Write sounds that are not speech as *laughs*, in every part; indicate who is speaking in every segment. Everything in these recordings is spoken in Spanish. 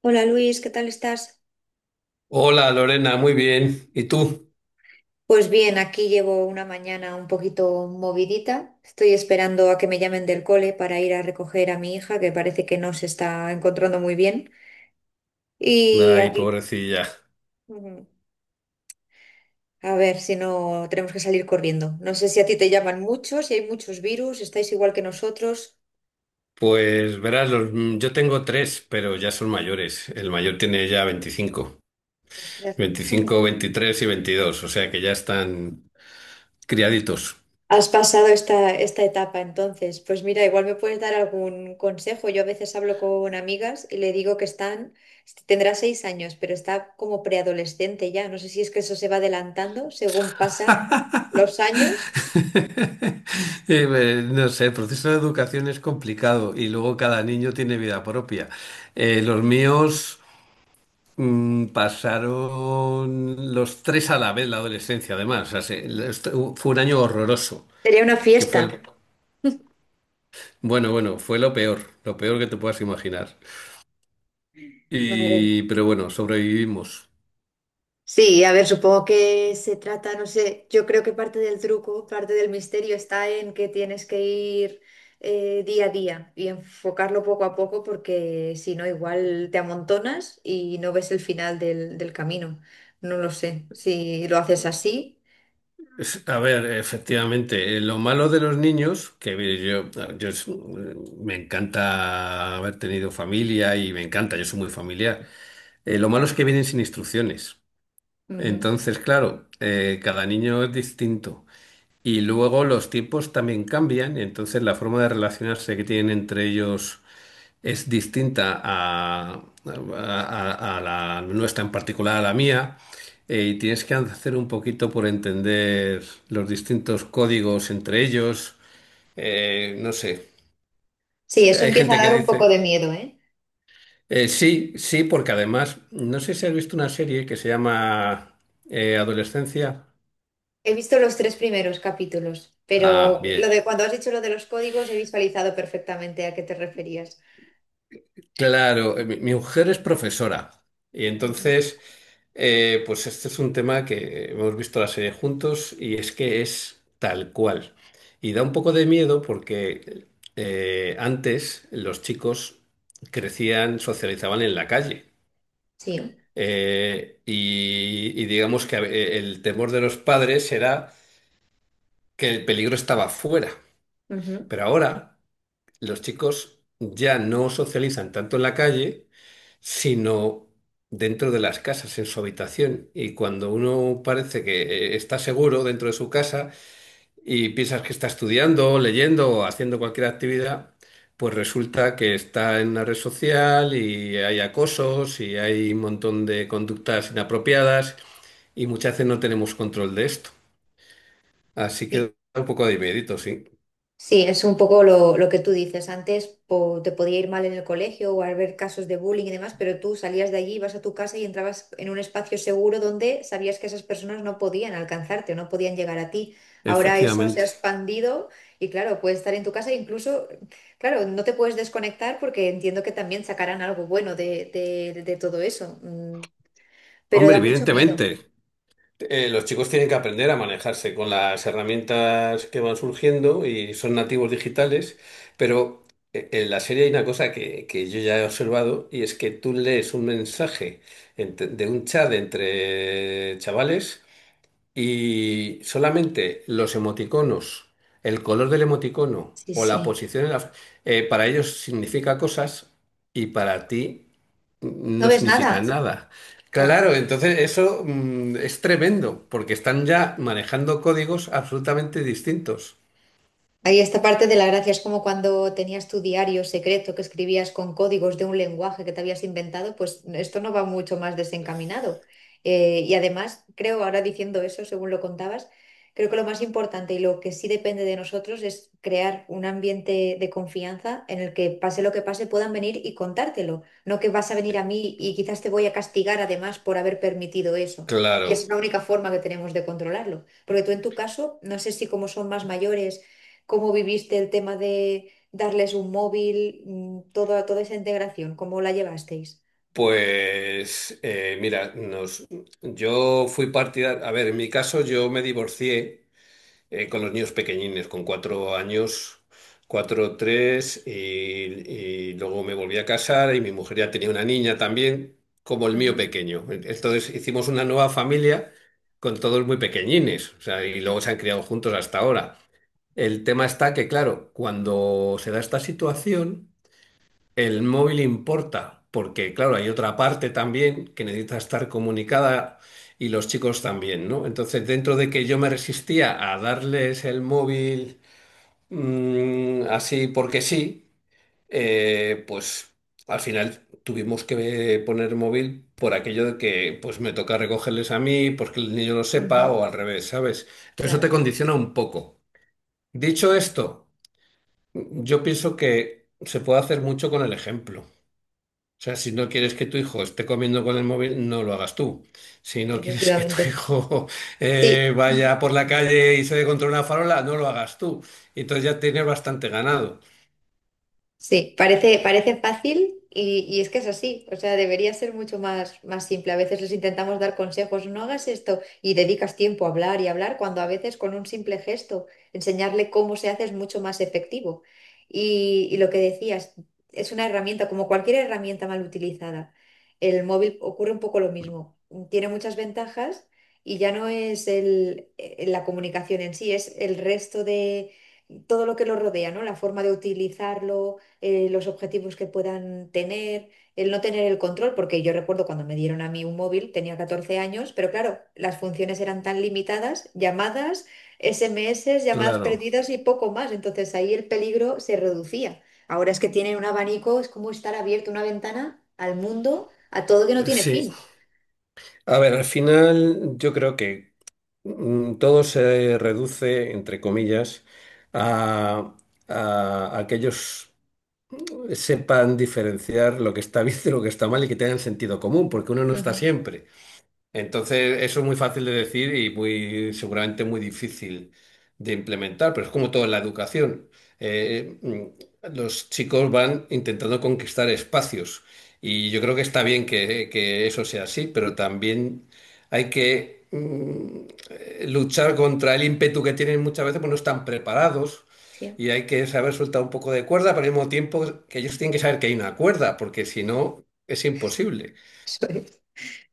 Speaker 1: Hola Luis, ¿qué tal estás?
Speaker 2: Hola Lorena, muy bien. ¿Y tú?
Speaker 1: Pues bien, aquí llevo una mañana un poquito movidita. Estoy esperando a que me llamen del cole para ir a recoger a mi hija, que parece que no se está encontrando muy bien. Y
Speaker 2: Ay,
Speaker 1: aquí,
Speaker 2: pobrecilla.
Speaker 1: ujú, a ver si no tenemos que salir corriendo. No sé si a ti te llaman muchos, si hay muchos virus, estáis igual que nosotros.
Speaker 2: Pues verás, yo tengo tres, pero ya son mayores. El mayor tiene ya veinticinco,
Speaker 1: Ostras.
Speaker 2: veinticinco,
Speaker 1: *laughs*
Speaker 2: 23 y 22. O sea que ya están criaditos.
Speaker 1: Has pasado esta etapa entonces. Pues mira, igual me puedes dar algún consejo. Yo a veces hablo con amigas y le digo que están, tendrá 6 años, pero está como preadolescente ya. No sé si es que eso se va adelantando según pasa los años.
Speaker 2: *laughs* No sé, el proceso de educación es complicado y luego cada niño tiene vida propia. Los míos pasaron los tres a la vez la adolescencia, además. O sea, fue un año horroroso,
Speaker 1: Sería una
Speaker 2: que fue
Speaker 1: fiesta.
Speaker 2: el bueno, bueno, fue lo peor que te puedas imaginar.
Speaker 1: Madre,
Speaker 2: Pero bueno, sobrevivimos.
Speaker 1: sí, a ver, supongo que se trata, no sé, yo creo que parte del truco, parte del misterio está en que tienes que ir día a día y enfocarlo poco a poco porque si no, igual te amontonas y no ves el final del camino. No lo sé, si lo haces así.
Speaker 2: A ver, efectivamente, lo malo de los niños, que yo, me encanta haber tenido familia y me encanta, yo soy muy familiar. Lo malo es que vienen sin instrucciones.
Speaker 1: Ujú.
Speaker 2: Entonces, claro, cada niño es distinto. Y luego los tiempos también cambian, entonces la forma de relacionarse que tienen entre ellos es distinta la nuestra, en particular a la mía, y tienes que hacer un poquito por entender los distintos códigos entre ellos. No sé,
Speaker 1: Sí, eso
Speaker 2: hay
Speaker 1: empieza
Speaker 2: gente
Speaker 1: a
Speaker 2: que
Speaker 1: dar un poco de
Speaker 2: dice,
Speaker 1: miedo, ¿eh?
Speaker 2: sí, sí, porque además, no sé si has visto una serie que se llama Adolescencia.
Speaker 1: He visto los tres primeros capítulos,
Speaker 2: Ah,
Speaker 1: pero lo
Speaker 2: bien.
Speaker 1: de cuando has dicho lo de los códigos he visualizado perfectamente a qué te referías.
Speaker 2: Claro, mi mujer es profesora y
Speaker 1: Ujú.
Speaker 2: entonces, pues este es un tema que hemos visto la serie juntos y es que es tal cual. Y da un poco de miedo porque antes los chicos crecían, socializaban en la calle.
Speaker 1: Sí,
Speaker 2: Y digamos que el temor de los padres era que el peligro estaba fuera.
Speaker 1: ujú,
Speaker 2: Pero ahora los chicos ya no socializan tanto en la calle, sino dentro de las casas, en su habitación. Y cuando uno parece que está seguro dentro de su casa y piensas que está estudiando, leyendo o haciendo cualquier actividad, pues resulta que está en una red social y hay acosos y hay un montón de conductas inapropiadas y muchas veces no tenemos control de esto. Así que
Speaker 1: sí.
Speaker 2: da un poco de miedito, sí.
Speaker 1: Sí, es un poco lo que tú dices. Antes te podía ir mal en el colegio o haber casos de bullying y demás, pero tú salías de allí, ibas a tu casa y entrabas en un espacio seguro donde sabías que esas personas no podían alcanzarte, no podían llegar a ti. Ahora eso se ha
Speaker 2: Efectivamente.
Speaker 1: expandido y claro, puedes estar en tu casa e incluso, claro, no te puedes desconectar porque entiendo que también sacarán algo bueno de todo eso, pero
Speaker 2: Hombre,
Speaker 1: da mucho miedo.
Speaker 2: evidentemente. Los chicos tienen que aprender a manejarse con las herramientas que van surgiendo y son nativos digitales, pero en la serie hay una cosa que yo ya he observado y es que tú lees un mensaje de un chat entre chavales y solamente los emoticonos, el color del emoticono
Speaker 1: Sí,
Speaker 2: o la
Speaker 1: sí.
Speaker 2: posición para ellos significa cosas y para ti
Speaker 1: ¿No
Speaker 2: no
Speaker 1: ves nada?
Speaker 2: significa nada.
Speaker 1: Claro.
Speaker 2: Claro, entonces eso es tremendo, porque están ya manejando códigos absolutamente distintos.
Speaker 1: Ahí esta parte de la gracia es como cuando tenías tu diario secreto que escribías con códigos de un lenguaje que te habías inventado, pues esto no va mucho más desencaminado. Y además, creo, ahora diciendo eso, según lo contabas, creo que lo más importante y lo que sí depende de nosotros es crear un ambiente de confianza en el que pase lo que pase puedan venir y contártelo, no que vas a venir a mí y quizás te voy a castigar además por haber permitido eso. Y
Speaker 2: Claro,
Speaker 1: es la única forma que tenemos de controlarlo. Porque tú en tu caso, no sé si como son más mayores, ¿cómo viviste el tema de darles un móvil, toda esa integración? ¿Cómo la llevasteis?
Speaker 2: pues mira, yo fui partidario, a ver, en mi caso yo me divorcié con los niños pequeñines, con 4 años, cuatro, tres, y luego me volví a casar y mi mujer ya tenía una niña también, como el mío
Speaker 1: Ujú.
Speaker 2: pequeño. Entonces hicimos una nueva familia con todos muy pequeñines, o sea, y luego
Speaker 1: Sí,
Speaker 2: se han criado juntos hasta ahora. El tema está que, claro, cuando se da esta situación. El móvil importa, porque claro, hay otra parte también que necesita estar comunicada y los chicos también, ¿no? Entonces, dentro de que yo me resistía a darles el móvil así porque sí, pues al final tuvimos que poner móvil por aquello de que pues me toca recogerles a mí, porque el niño lo sepa
Speaker 1: ujú,
Speaker 2: o al revés, ¿sabes? Entonces, eso te
Speaker 1: claro,
Speaker 2: condiciona un poco. Dicho esto, yo pienso que se puede hacer mucho con el ejemplo. O sea, si no quieres que tu hijo esté comiendo con el móvil, no lo hagas tú. Si no quieres que tu
Speaker 1: efectivamente.
Speaker 2: hijo *laughs*
Speaker 1: Sí.
Speaker 2: vaya por la calle y se dé contra una farola, no lo hagas tú. Entonces ya tienes bastante ganado.
Speaker 1: Sí, parece, parece fácil y es que es así. O sea, debería ser mucho más, más simple. A veces les intentamos dar consejos, no hagas esto y dedicas tiempo a hablar y hablar cuando a veces con un simple gesto enseñarle cómo se hace es mucho más efectivo. Y lo que decías, es una herramienta, como cualquier herramienta mal utilizada. El móvil ocurre un poco lo mismo. Tiene muchas ventajas y ya no es el, la comunicación en sí, es el resto de todo lo que lo rodea, ¿no? La forma de utilizarlo, los objetivos que puedan tener, el no tener el control, porque yo recuerdo cuando me dieron a mí un móvil, tenía 14 años, pero claro, las funciones eran tan limitadas, llamadas, SMS, llamadas
Speaker 2: Claro,
Speaker 1: perdidas y poco más, entonces ahí el peligro se reducía. Ahora es que tienen un abanico, es como estar abierto una ventana al mundo, a todo que no tiene
Speaker 2: sí.
Speaker 1: fin.
Speaker 2: A ver, al final yo creo que todo se reduce, entre comillas, a, a que ellos sepan diferenciar lo que está *laughs* bien de lo que está mal y que tengan sentido común, porque uno no está
Speaker 1: Ujú.
Speaker 2: siempre. Entonces, eso es muy fácil de decir y muy, seguramente muy difícil de implementar, pero es como todo en la educación. Los chicos van intentando conquistar espacios y yo creo que está bien que eso sea así, pero también hay que luchar contra el ímpetu que tienen muchas veces, pues no están preparados.
Speaker 1: Sí. *laughs*
Speaker 2: Y hay que saber soltar un poco de cuerda, pero al mismo tiempo que ellos tienen que saber que hay una cuerda, porque si no, es imposible.
Speaker 1: Eso es.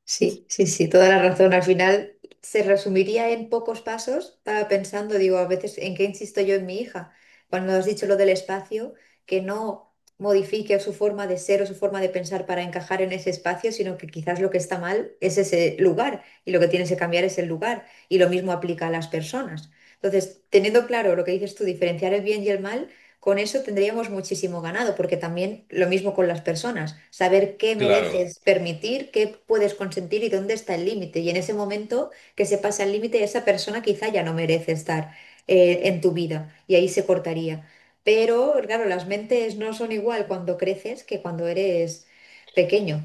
Speaker 1: Sí, sí, sí, toda la razón. Al final se resumiría en pocos pasos. Estaba pensando, digo, a veces en qué insisto yo en mi hija. Cuando has dicho lo del espacio, que no modifique su forma de ser o su forma de pensar para encajar en ese espacio, sino que quizás lo que está mal es ese lugar y lo que tienes que cambiar es el lugar. Y lo mismo aplica a las personas. Entonces, teniendo claro lo que dices tú, diferenciar el bien y el mal. Con eso tendríamos muchísimo ganado, porque también lo mismo con las personas, saber qué
Speaker 2: Claro.
Speaker 1: mereces permitir, qué puedes consentir y dónde está el límite. Y en ese momento que se pasa el límite, esa persona quizá ya no merece estar, en tu vida y ahí se cortaría. Pero claro, las mentes no son igual cuando creces que cuando eres pequeño.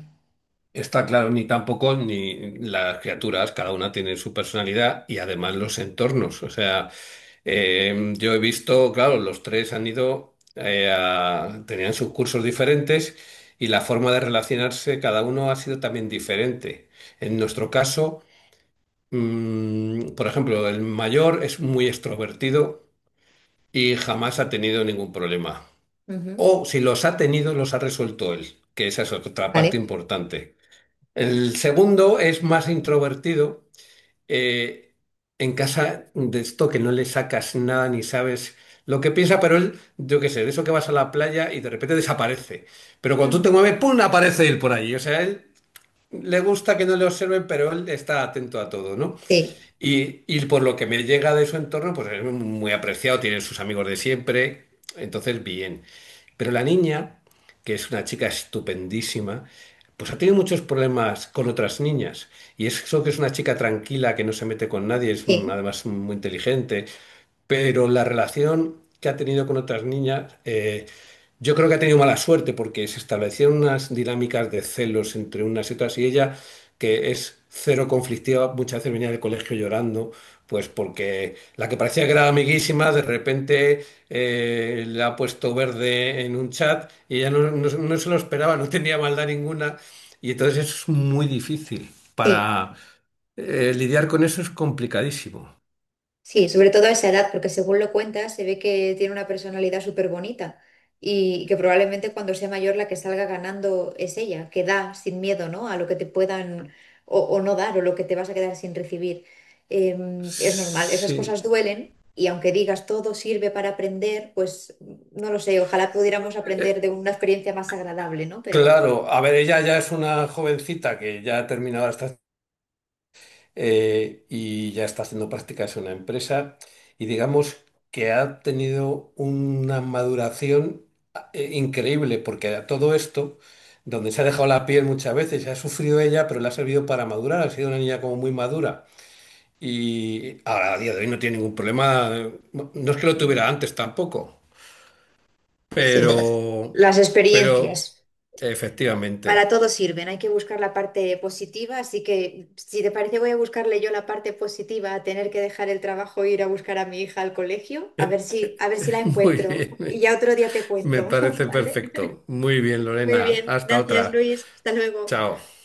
Speaker 2: Está claro, ni tampoco ni las criaturas, cada una tiene su personalidad y además los entornos. O sea, yo he visto, claro, los tres han ido, tenían sus cursos diferentes y la forma de relacionarse cada uno ha sido también diferente. En nuestro caso, por ejemplo, el mayor es muy extrovertido y jamás ha tenido ningún problema.
Speaker 1: Ujú.
Speaker 2: O si los ha tenido, los ha resuelto él, que esa es otra parte
Speaker 1: ¿Vale?
Speaker 2: importante. El segundo es más introvertido. eh, en casa de esto que no le sacas nada ni sabes lo que piensa, pero él, yo qué sé, de eso que vas a la playa y de repente desaparece. Pero cuando tú te
Speaker 1: Ujú.
Speaker 2: mueves, ¡pum! Aparece él por allí. O sea, él le gusta que no le observen, pero él está atento a todo, ¿no?
Speaker 1: Sí,
Speaker 2: Y por lo que me llega de su entorno, pues es muy apreciado, tiene sus amigos de siempre, entonces bien. Pero la niña, que es una chica estupendísima, pues ha tenido muchos problemas con otras niñas. Y eso que es una chica tranquila, que no se mete con nadie, es
Speaker 1: sí,
Speaker 2: además muy inteligente, pero la relación que ha tenido con otras niñas, yo creo que ha tenido mala suerte porque se establecieron unas dinámicas de celos entre unas y otras y ella, que es cero conflictiva, muchas veces venía del colegio llorando, pues porque la que parecía que era amiguísima, de repente le ha puesto verde en un chat y ella no se lo esperaba, no tenía maldad ninguna y entonces es muy difícil
Speaker 1: sí.
Speaker 2: para lidiar con eso es complicadísimo.
Speaker 1: Sí, sobre todo a esa edad, porque según lo cuentas, se ve que tiene una personalidad súper bonita y que probablemente cuando sea mayor la que salga ganando es ella, que da sin miedo, ¿no? A lo que te puedan o no dar o lo que te vas a quedar sin recibir. Es normal, esas
Speaker 2: Sí.
Speaker 1: cosas duelen y aunque digas todo sirve para aprender, pues no lo sé, ojalá pudiéramos aprender de
Speaker 2: Eh,
Speaker 1: una experiencia más agradable, ¿no? Pero
Speaker 2: Claro, a ver, ella ya es una jovencita que ya ha terminado y ya está haciendo prácticas en una empresa y digamos que ha tenido una maduración increíble porque a todo esto, donde se ha dejado la piel muchas veces, ha sufrido ella, pero le ha servido para madurar, ha sido una niña como muy madura y ahora a día de hoy no tiene ningún problema, no es que lo tuviera
Speaker 1: ujú,
Speaker 2: antes tampoco,
Speaker 1: sí,
Speaker 2: pero,
Speaker 1: las
Speaker 2: pero
Speaker 1: experiencias. Para
Speaker 2: efectivamente,
Speaker 1: todo sirven, hay que buscar la parte positiva, así que si te parece voy a buscarle yo la parte positiva a tener que dejar el trabajo e ir a buscar a mi hija al colegio, a ver si la
Speaker 2: *laughs* muy
Speaker 1: encuentro y
Speaker 2: bien.
Speaker 1: ya otro día te
Speaker 2: Me
Speaker 1: cuento, *laughs*
Speaker 2: parece
Speaker 1: ¿vale?
Speaker 2: perfecto. Muy bien,
Speaker 1: Muy
Speaker 2: Lorena.
Speaker 1: bien,
Speaker 2: Hasta
Speaker 1: gracias
Speaker 2: otra.
Speaker 1: Luis, hasta luego.
Speaker 2: Chao.